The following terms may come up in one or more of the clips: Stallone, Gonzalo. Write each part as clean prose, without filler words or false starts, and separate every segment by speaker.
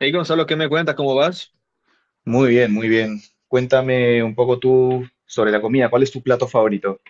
Speaker 1: Hey Gonzalo, ¿qué me cuentas? ¿Cómo vas?
Speaker 2: Muy bien, muy bien. Cuéntame un poco tú sobre la comida. ¿Cuál es tu plato favorito?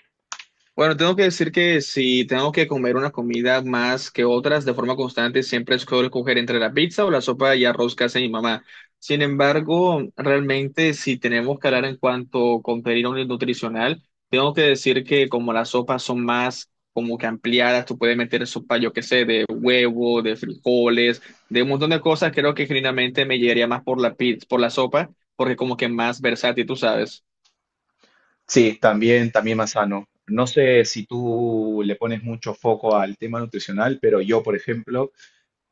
Speaker 1: Bueno, tengo que decir que si tengo que comer una comida más que otras de forma constante, siempre escoger entre la pizza o la sopa y arroz que hace mi mamá. Sin embargo, realmente si tenemos que hablar en cuanto a contenido nutricional, tengo que decir que como las sopas son más como que ampliadas, tú puedes meter sopa, yo qué sé, de huevo, de frijoles, de un montón de cosas, creo que genuinamente me llegaría más por la pizza, por la sopa, porque como que más versátil, tú sabes.
Speaker 2: Sí, también, también más sano. No sé si tú le pones mucho foco al tema nutricional, pero yo, por ejemplo,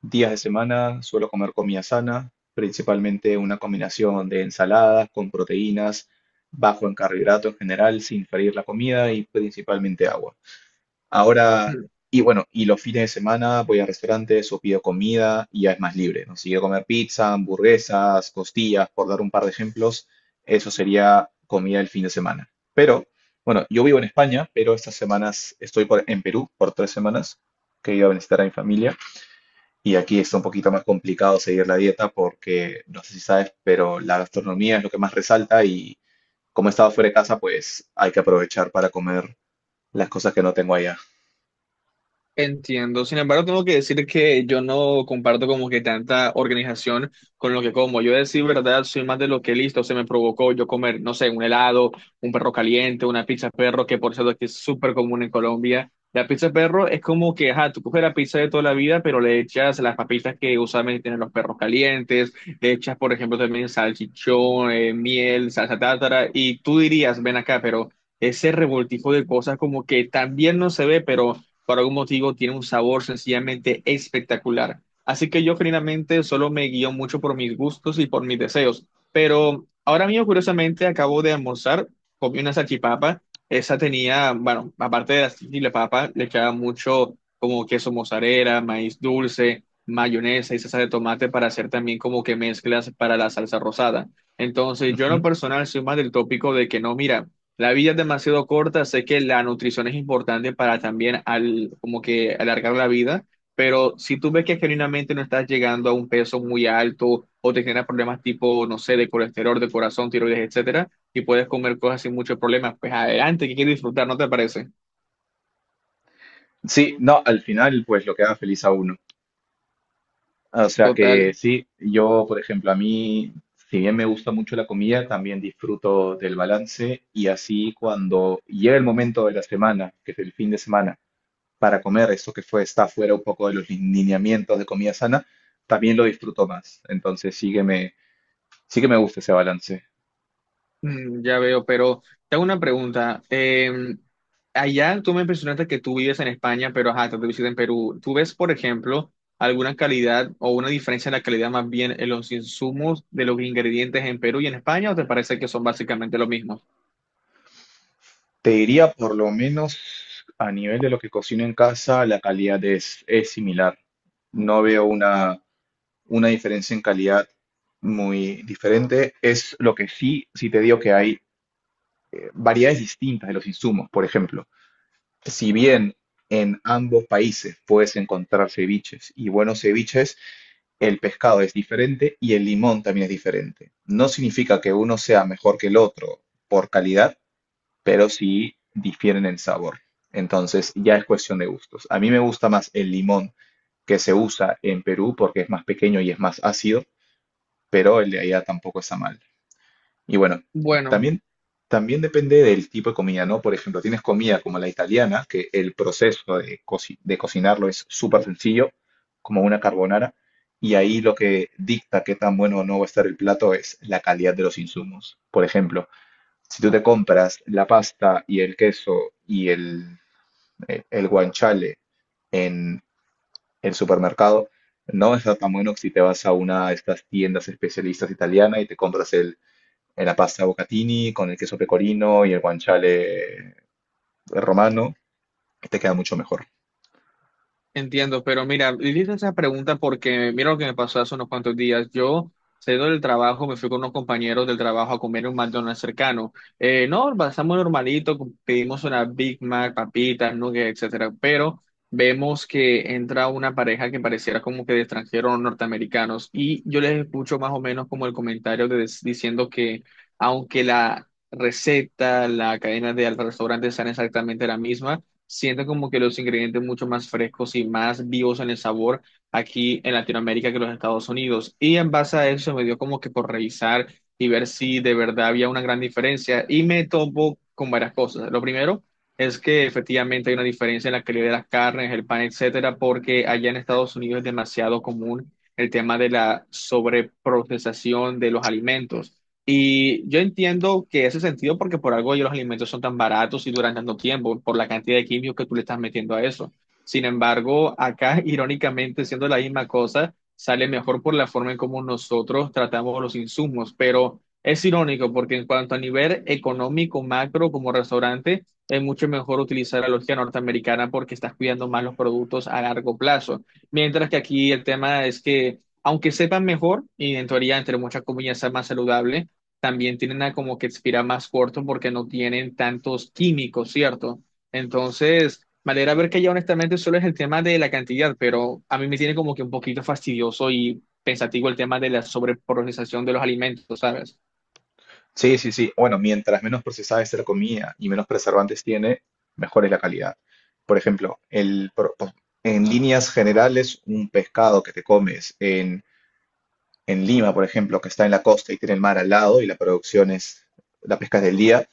Speaker 2: días de semana suelo comer comida sana, principalmente una combinación de ensaladas con proteínas, bajo en carbohidratos en general, sin freír la comida y principalmente agua. Ahora, y bueno, y los fines de semana voy a restaurantes o pido comida y ya es más libre, ¿no? Si quiero comer pizza, hamburguesas, costillas, por dar un par de ejemplos, eso sería comida el fin de semana. Pero bueno, yo vivo en España, pero estas semanas estoy en Perú por 3 semanas, que he ido a visitar a mi familia. Y aquí está un poquito más complicado seguir la dieta porque, no sé si sabes, pero la gastronomía es lo que más resalta y, como he estado fuera de casa, pues hay que aprovechar para comer las cosas que no tengo allá.
Speaker 1: Entiendo. Sin embargo, tengo que decir que yo no comparto como que tanta organización con lo que como. Yo decir verdad, soy más de lo que listo se me provocó yo comer, no sé, un helado, un perro caliente, una pizza perro, que por cierto aquí es súper común en Colombia. La pizza perro es como que, ajá, tú coges la pizza de toda la vida, pero le echas las papitas que usualmente tienen los perros calientes, le echas, por ejemplo, también salchichón, miel, salsa tártara, y tú dirías, ven acá, pero ese revoltijo de cosas como que también no se ve, pero por algún motivo tiene un sabor sencillamente espectacular. Así que yo generalmente solo me guío mucho por mis gustos y por mis deseos. Pero ahora mismo, curiosamente, acabo de almorzar, comí una salchipapa. Esa tenía, bueno, aparte de la salchipapa, le echaba mucho como queso mozzarella, maíz dulce, mayonesa y salsa de tomate para hacer también como que mezclas para la salsa rosada. Entonces, yo en lo personal soy más del tópico de que no, mira. La vida es demasiado corta, sé que la nutrición es importante para también al, como que alargar la vida, pero si tú ves que genuinamente no estás llegando a un peso muy alto o te generan problemas tipo, no sé, de colesterol, de corazón, tiroides, etcétera, y puedes comer cosas sin muchos problemas, pues adelante, que quieres disfrutar, ¿no te parece?
Speaker 2: Sí, no, al final pues lo que queda feliz a uno. Ah, o sea
Speaker 1: Total.
Speaker 2: que sí, yo por ejemplo, a mí, si bien me gusta mucho la comida, también disfruto del balance, y así cuando llega el momento de la semana, que es el fin de semana, para comer eso que fue, está fuera un poco de los lineamientos de comida sana, también lo disfruto más. Entonces sí que me gusta ese balance.
Speaker 1: Mm, ya veo, pero te hago una pregunta. Allá tú me impresionaste que tú vives en España, pero ajá, te visitas en Perú. ¿Tú ves, por ejemplo, alguna calidad o una diferencia en la calidad más bien en los insumos de los ingredientes en Perú y en España o te parece que son básicamente lo mismo?
Speaker 2: Te diría, por lo menos a nivel de lo que cocino en casa, la calidad es similar. No veo una diferencia en calidad muy diferente. Es lo que sí, sí te digo que hay variedades distintas de los insumos. Por ejemplo, si bien en ambos países puedes encontrar ceviches y buenos ceviches, el pescado es diferente y el limón también es diferente. No significa que uno sea mejor que el otro por calidad, pero sí difieren en sabor. Entonces ya es cuestión de gustos. A mí me gusta más el limón que se usa en Perú porque es más pequeño y es más ácido, pero el de allá tampoco está mal. Y bueno,
Speaker 1: Bueno,
Speaker 2: también, también depende del tipo de comida, ¿no? Por ejemplo, tienes comida como la italiana, que el proceso de, de cocinarlo es súper sencillo, como una carbonara, y ahí lo que dicta qué tan bueno o no va a estar el plato es la calidad de los insumos. Por ejemplo, si tú te compras la pasta y el queso y el guanciale en el supermercado, no está tan bueno que si te vas a una de estas tiendas especialistas italianas y te compras el, en la pasta bocatini con el queso pecorino y el guanciale romano, que te queda mucho mejor.
Speaker 1: entiendo, pero mira, hice esa pregunta porque mira lo que me pasó hace unos cuantos días. Yo saliendo del trabajo, me fui con unos compañeros del trabajo a comer en un McDonald's cercano. No, pasamos normalito, pedimos una Big Mac, papitas, nuggets, etcétera, pero vemos que entra una pareja que pareciera como que de extranjeros o norteamericanos y yo les escucho más o menos como el comentario de, diciendo que aunque la receta, la cadena del restaurante sean exactamente la misma, siento como que los ingredientes mucho más frescos y más vivos en el sabor aquí en Latinoamérica que los Estados Unidos. Y en base a eso me dio como que por revisar y ver si de verdad había una gran diferencia y me topo con varias cosas. Lo primero es que efectivamente hay una diferencia en la calidad de las carnes, el pan, etcétera, porque allá en Estados Unidos es demasiado común el tema de la sobreprocesación de los alimentos. Y yo entiendo que ese sentido, porque por algo los alimentos son tan baratos y duran tanto tiempo, por la cantidad de químicos que tú le estás metiendo a eso. Sin embargo, acá, irónicamente, siendo la misma cosa, sale mejor por la forma en cómo nosotros tratamos los insumos. Pero es irónico, porque en cuanto a nivel económico, macro, como restaurante, es mucho mejor utilizar la lógica norteamericana porque estás cuidando más los productos a largo plazo. Mientras que aquí el tema es que, aunque sepan mejor, y en teoría, entre muchas comillas, sea más saludable, también tienen a como que expirar más corto porque no tienen tantos químicos, ¿cierto? Entonces, me alegra ver que ya honestamente solo es el tema de la cantidad, pero a mí me tiene como que un poquito fastidioso y pensativo el tema de la sobreprocesación de los alimentos, ¿sabes?
Speaker 2: Sí, sí, sí. Bueno, mientras menos procesada es la comida y menos preservantes tiene, mejor es la calidad. Por ejemplo, en líneas generales, un pescado que te comes en, Lima, por ejemplo, que está en la costa y tiene el mar al lado y la producción es, la pesca es del día,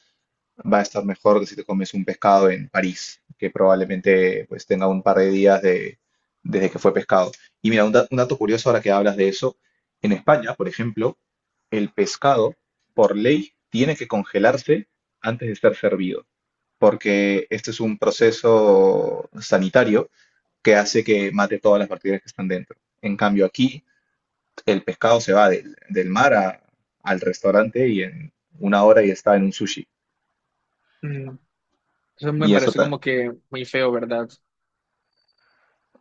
Speaker 2: va a estar mejor que si te comes un pescado en París, que probablemente pues tenga un par de días de, desde que fue pescado. Y mira, un dato curioso ahora que hablas de eso, en España, por ejemplo, el pescado, por ley, tiene que congelarse antes de ser servido, porque este es un proceso sanitario que hace que mate todas las bacterias que están dentro. En cambio, aquí el pescado se va del mar a- al restaurante y en una hora ya está en un sushi.
Speaker 1: Mm, eso me
Speaker 2: Y eso
Speaker 1: parece
Speaker 2: ta-
Speaker 1: como que muy feo, ¿verdad?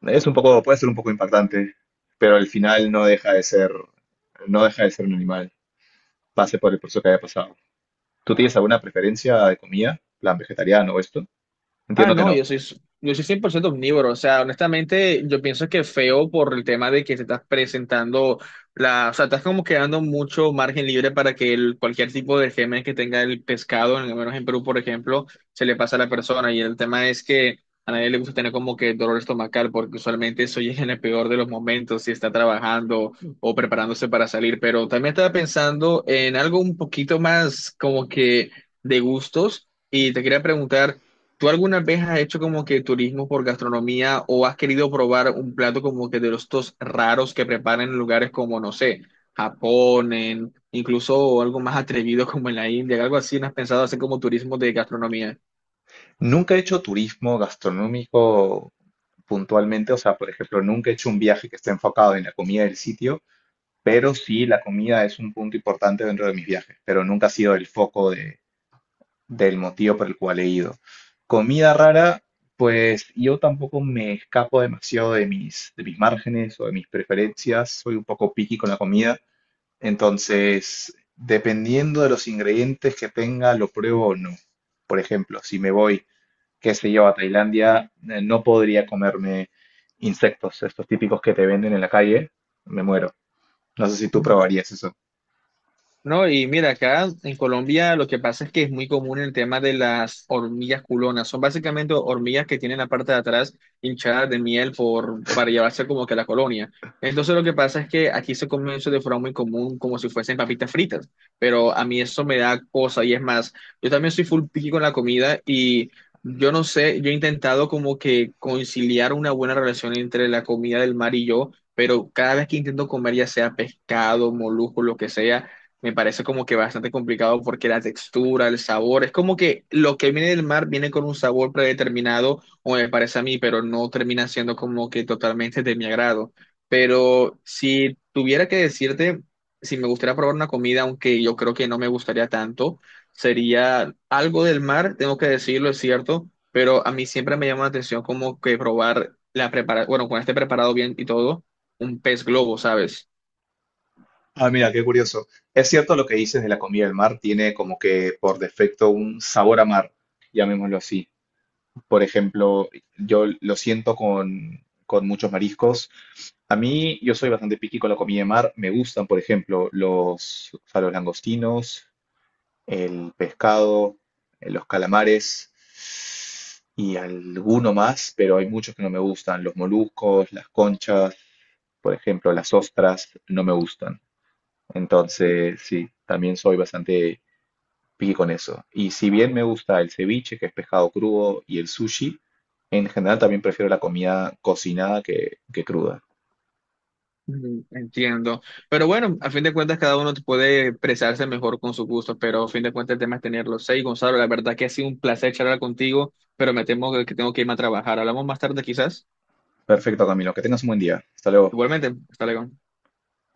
Speaker 2: Es un poco, puede ser un poco impactante, pero al final no deja de ser, no deja de ser un animal, pase por el proceso que haya pasado. ¿Tú tienes alguna preferencia de comida, plan vegetariano o esto?
Speaker 1: Ah,
Speaker 2: Entiendo que
Speaker 1: no,
Speaker 2: no.
Speaker 1: yo soy 100% omnívoro. O sea, honestamente, yo pienso que feo por el tema de que te estás presentando o sea, estás como quedando mucho margen libre para que el, cualquier tipo de germen que tenga el pescado, al menos en Perú, por ejemplo, se le pasa a la persona. Y el tema es que a nadie le gusta tener como que dolor estomacal, porque usualmente eso llega en el peor de los momentos, si está trabajando o preparándose para salir. Pero también estaba pensando en algo un poquito más como que de gustos. Y te quería preguntar. ¿Tú alguna vez has hecho como que turismo por gastronomía o has querido probar un plato como que de los estos raros que preparan en lugares como, no sé, Japón, incluso algo más atrevido como en la India, algo así? ¿No has pensado hacer como turismo de gastronomía?
Speaker 2: Nunca he hecho turismo gastronómico puntualmente, o sea, por ejemplo, nunca he hecho un viaje que esté enfocado en la comida del sitio, pero sí la comida es un punto importante dentro de mis viajes, pero nunca ha sido el foco de, del motivo por el cual he ido. Comida rara, pues yo tampoco me escapo demasiado de mis, márgenes o de mis preferencias, soy un poco picky con la comida, entonces dependiendo de los ingredientes que tenga, lo pruebo o no. Por ejemplo, si me voy, qué sé yo, a Tailandia, no podría comerme insectos, estos típicos que te venden en la calle, me muero. No sé si tú probarías eso.
Speaker 1: No, y mira, acá en Colombia lo que pasa es que es muy común el tema de las hormigas culonas. Son básicamente hormigas que tienen la parte de atrás hinchada de miel por, para llevarse como que a la colonia. Entonces lo que pasa es que aquí se come eso de forma muy común, como si fuesen papitas fritas. Pero a mí eso me da cosa y es más, yo también soy full picky con la comida y yo no sé, yo he intentado como que conciliar una buena relación entre la comida del mar y yo. Pero cada vez que intento comer, ya sea pescado, molusco, lo que sea, me parece como que bastante complicado porque la textura, el sabor, es como que lo que viene del mar viene con un sabor predeterminado, o me parece a mí, pero no termina siendo como que totalmente de mi agrado. Pero si tuviera que decirte si me gustaría probar una comida, aunque yo creo que no me gustaría tanto, sería algo del mar, tengo que decirlo, es cierto, pero a mí siempre me llama la atención como que probar la prepara, bueno, con este preparado bien y todo, un pez globo, ¿sabes?
Speaker 2: Ah, mira, qué curioso. Es cierto lo que dices de la comida del mar, tiene como que por defecto un sabor a mar, llamémoslo así. Por ejemplo, yo lo siento con, muchos mariscos. A mí, yo soy bastante picky con la comida de mar. Me gustan, por ejemplo, los, o sea, los langostinos, el pescado, los calamares y alguno más, pero hay muchos que no me gustan. Los moluscos, las conchas, por ejemplo, las ostras, no me gustan. Entonces, sí, también soy bastante picky con eso. Y si bien me gusta el ceviche, que es pescado crudo, y el sushi, en general también prefiero la comida cocinada que, cruda.
Speaker 1: Mm, entiendo. Pero bueno, a fin de cuentas cada uno puede expresarse mejor con su gusto, pero a fin de cuentas el tema es tenerlos. Seis Gonzalo, la verdad que ha sido un placer charlar contigo, pero me temo que tengo que irme a trabajar. Hablamos más tarde quizás.
Speaker 2: Perfecto, Camilo, que tengas un buen día. Hasta luego.
Speaker 1: Igualmente, hasta luego.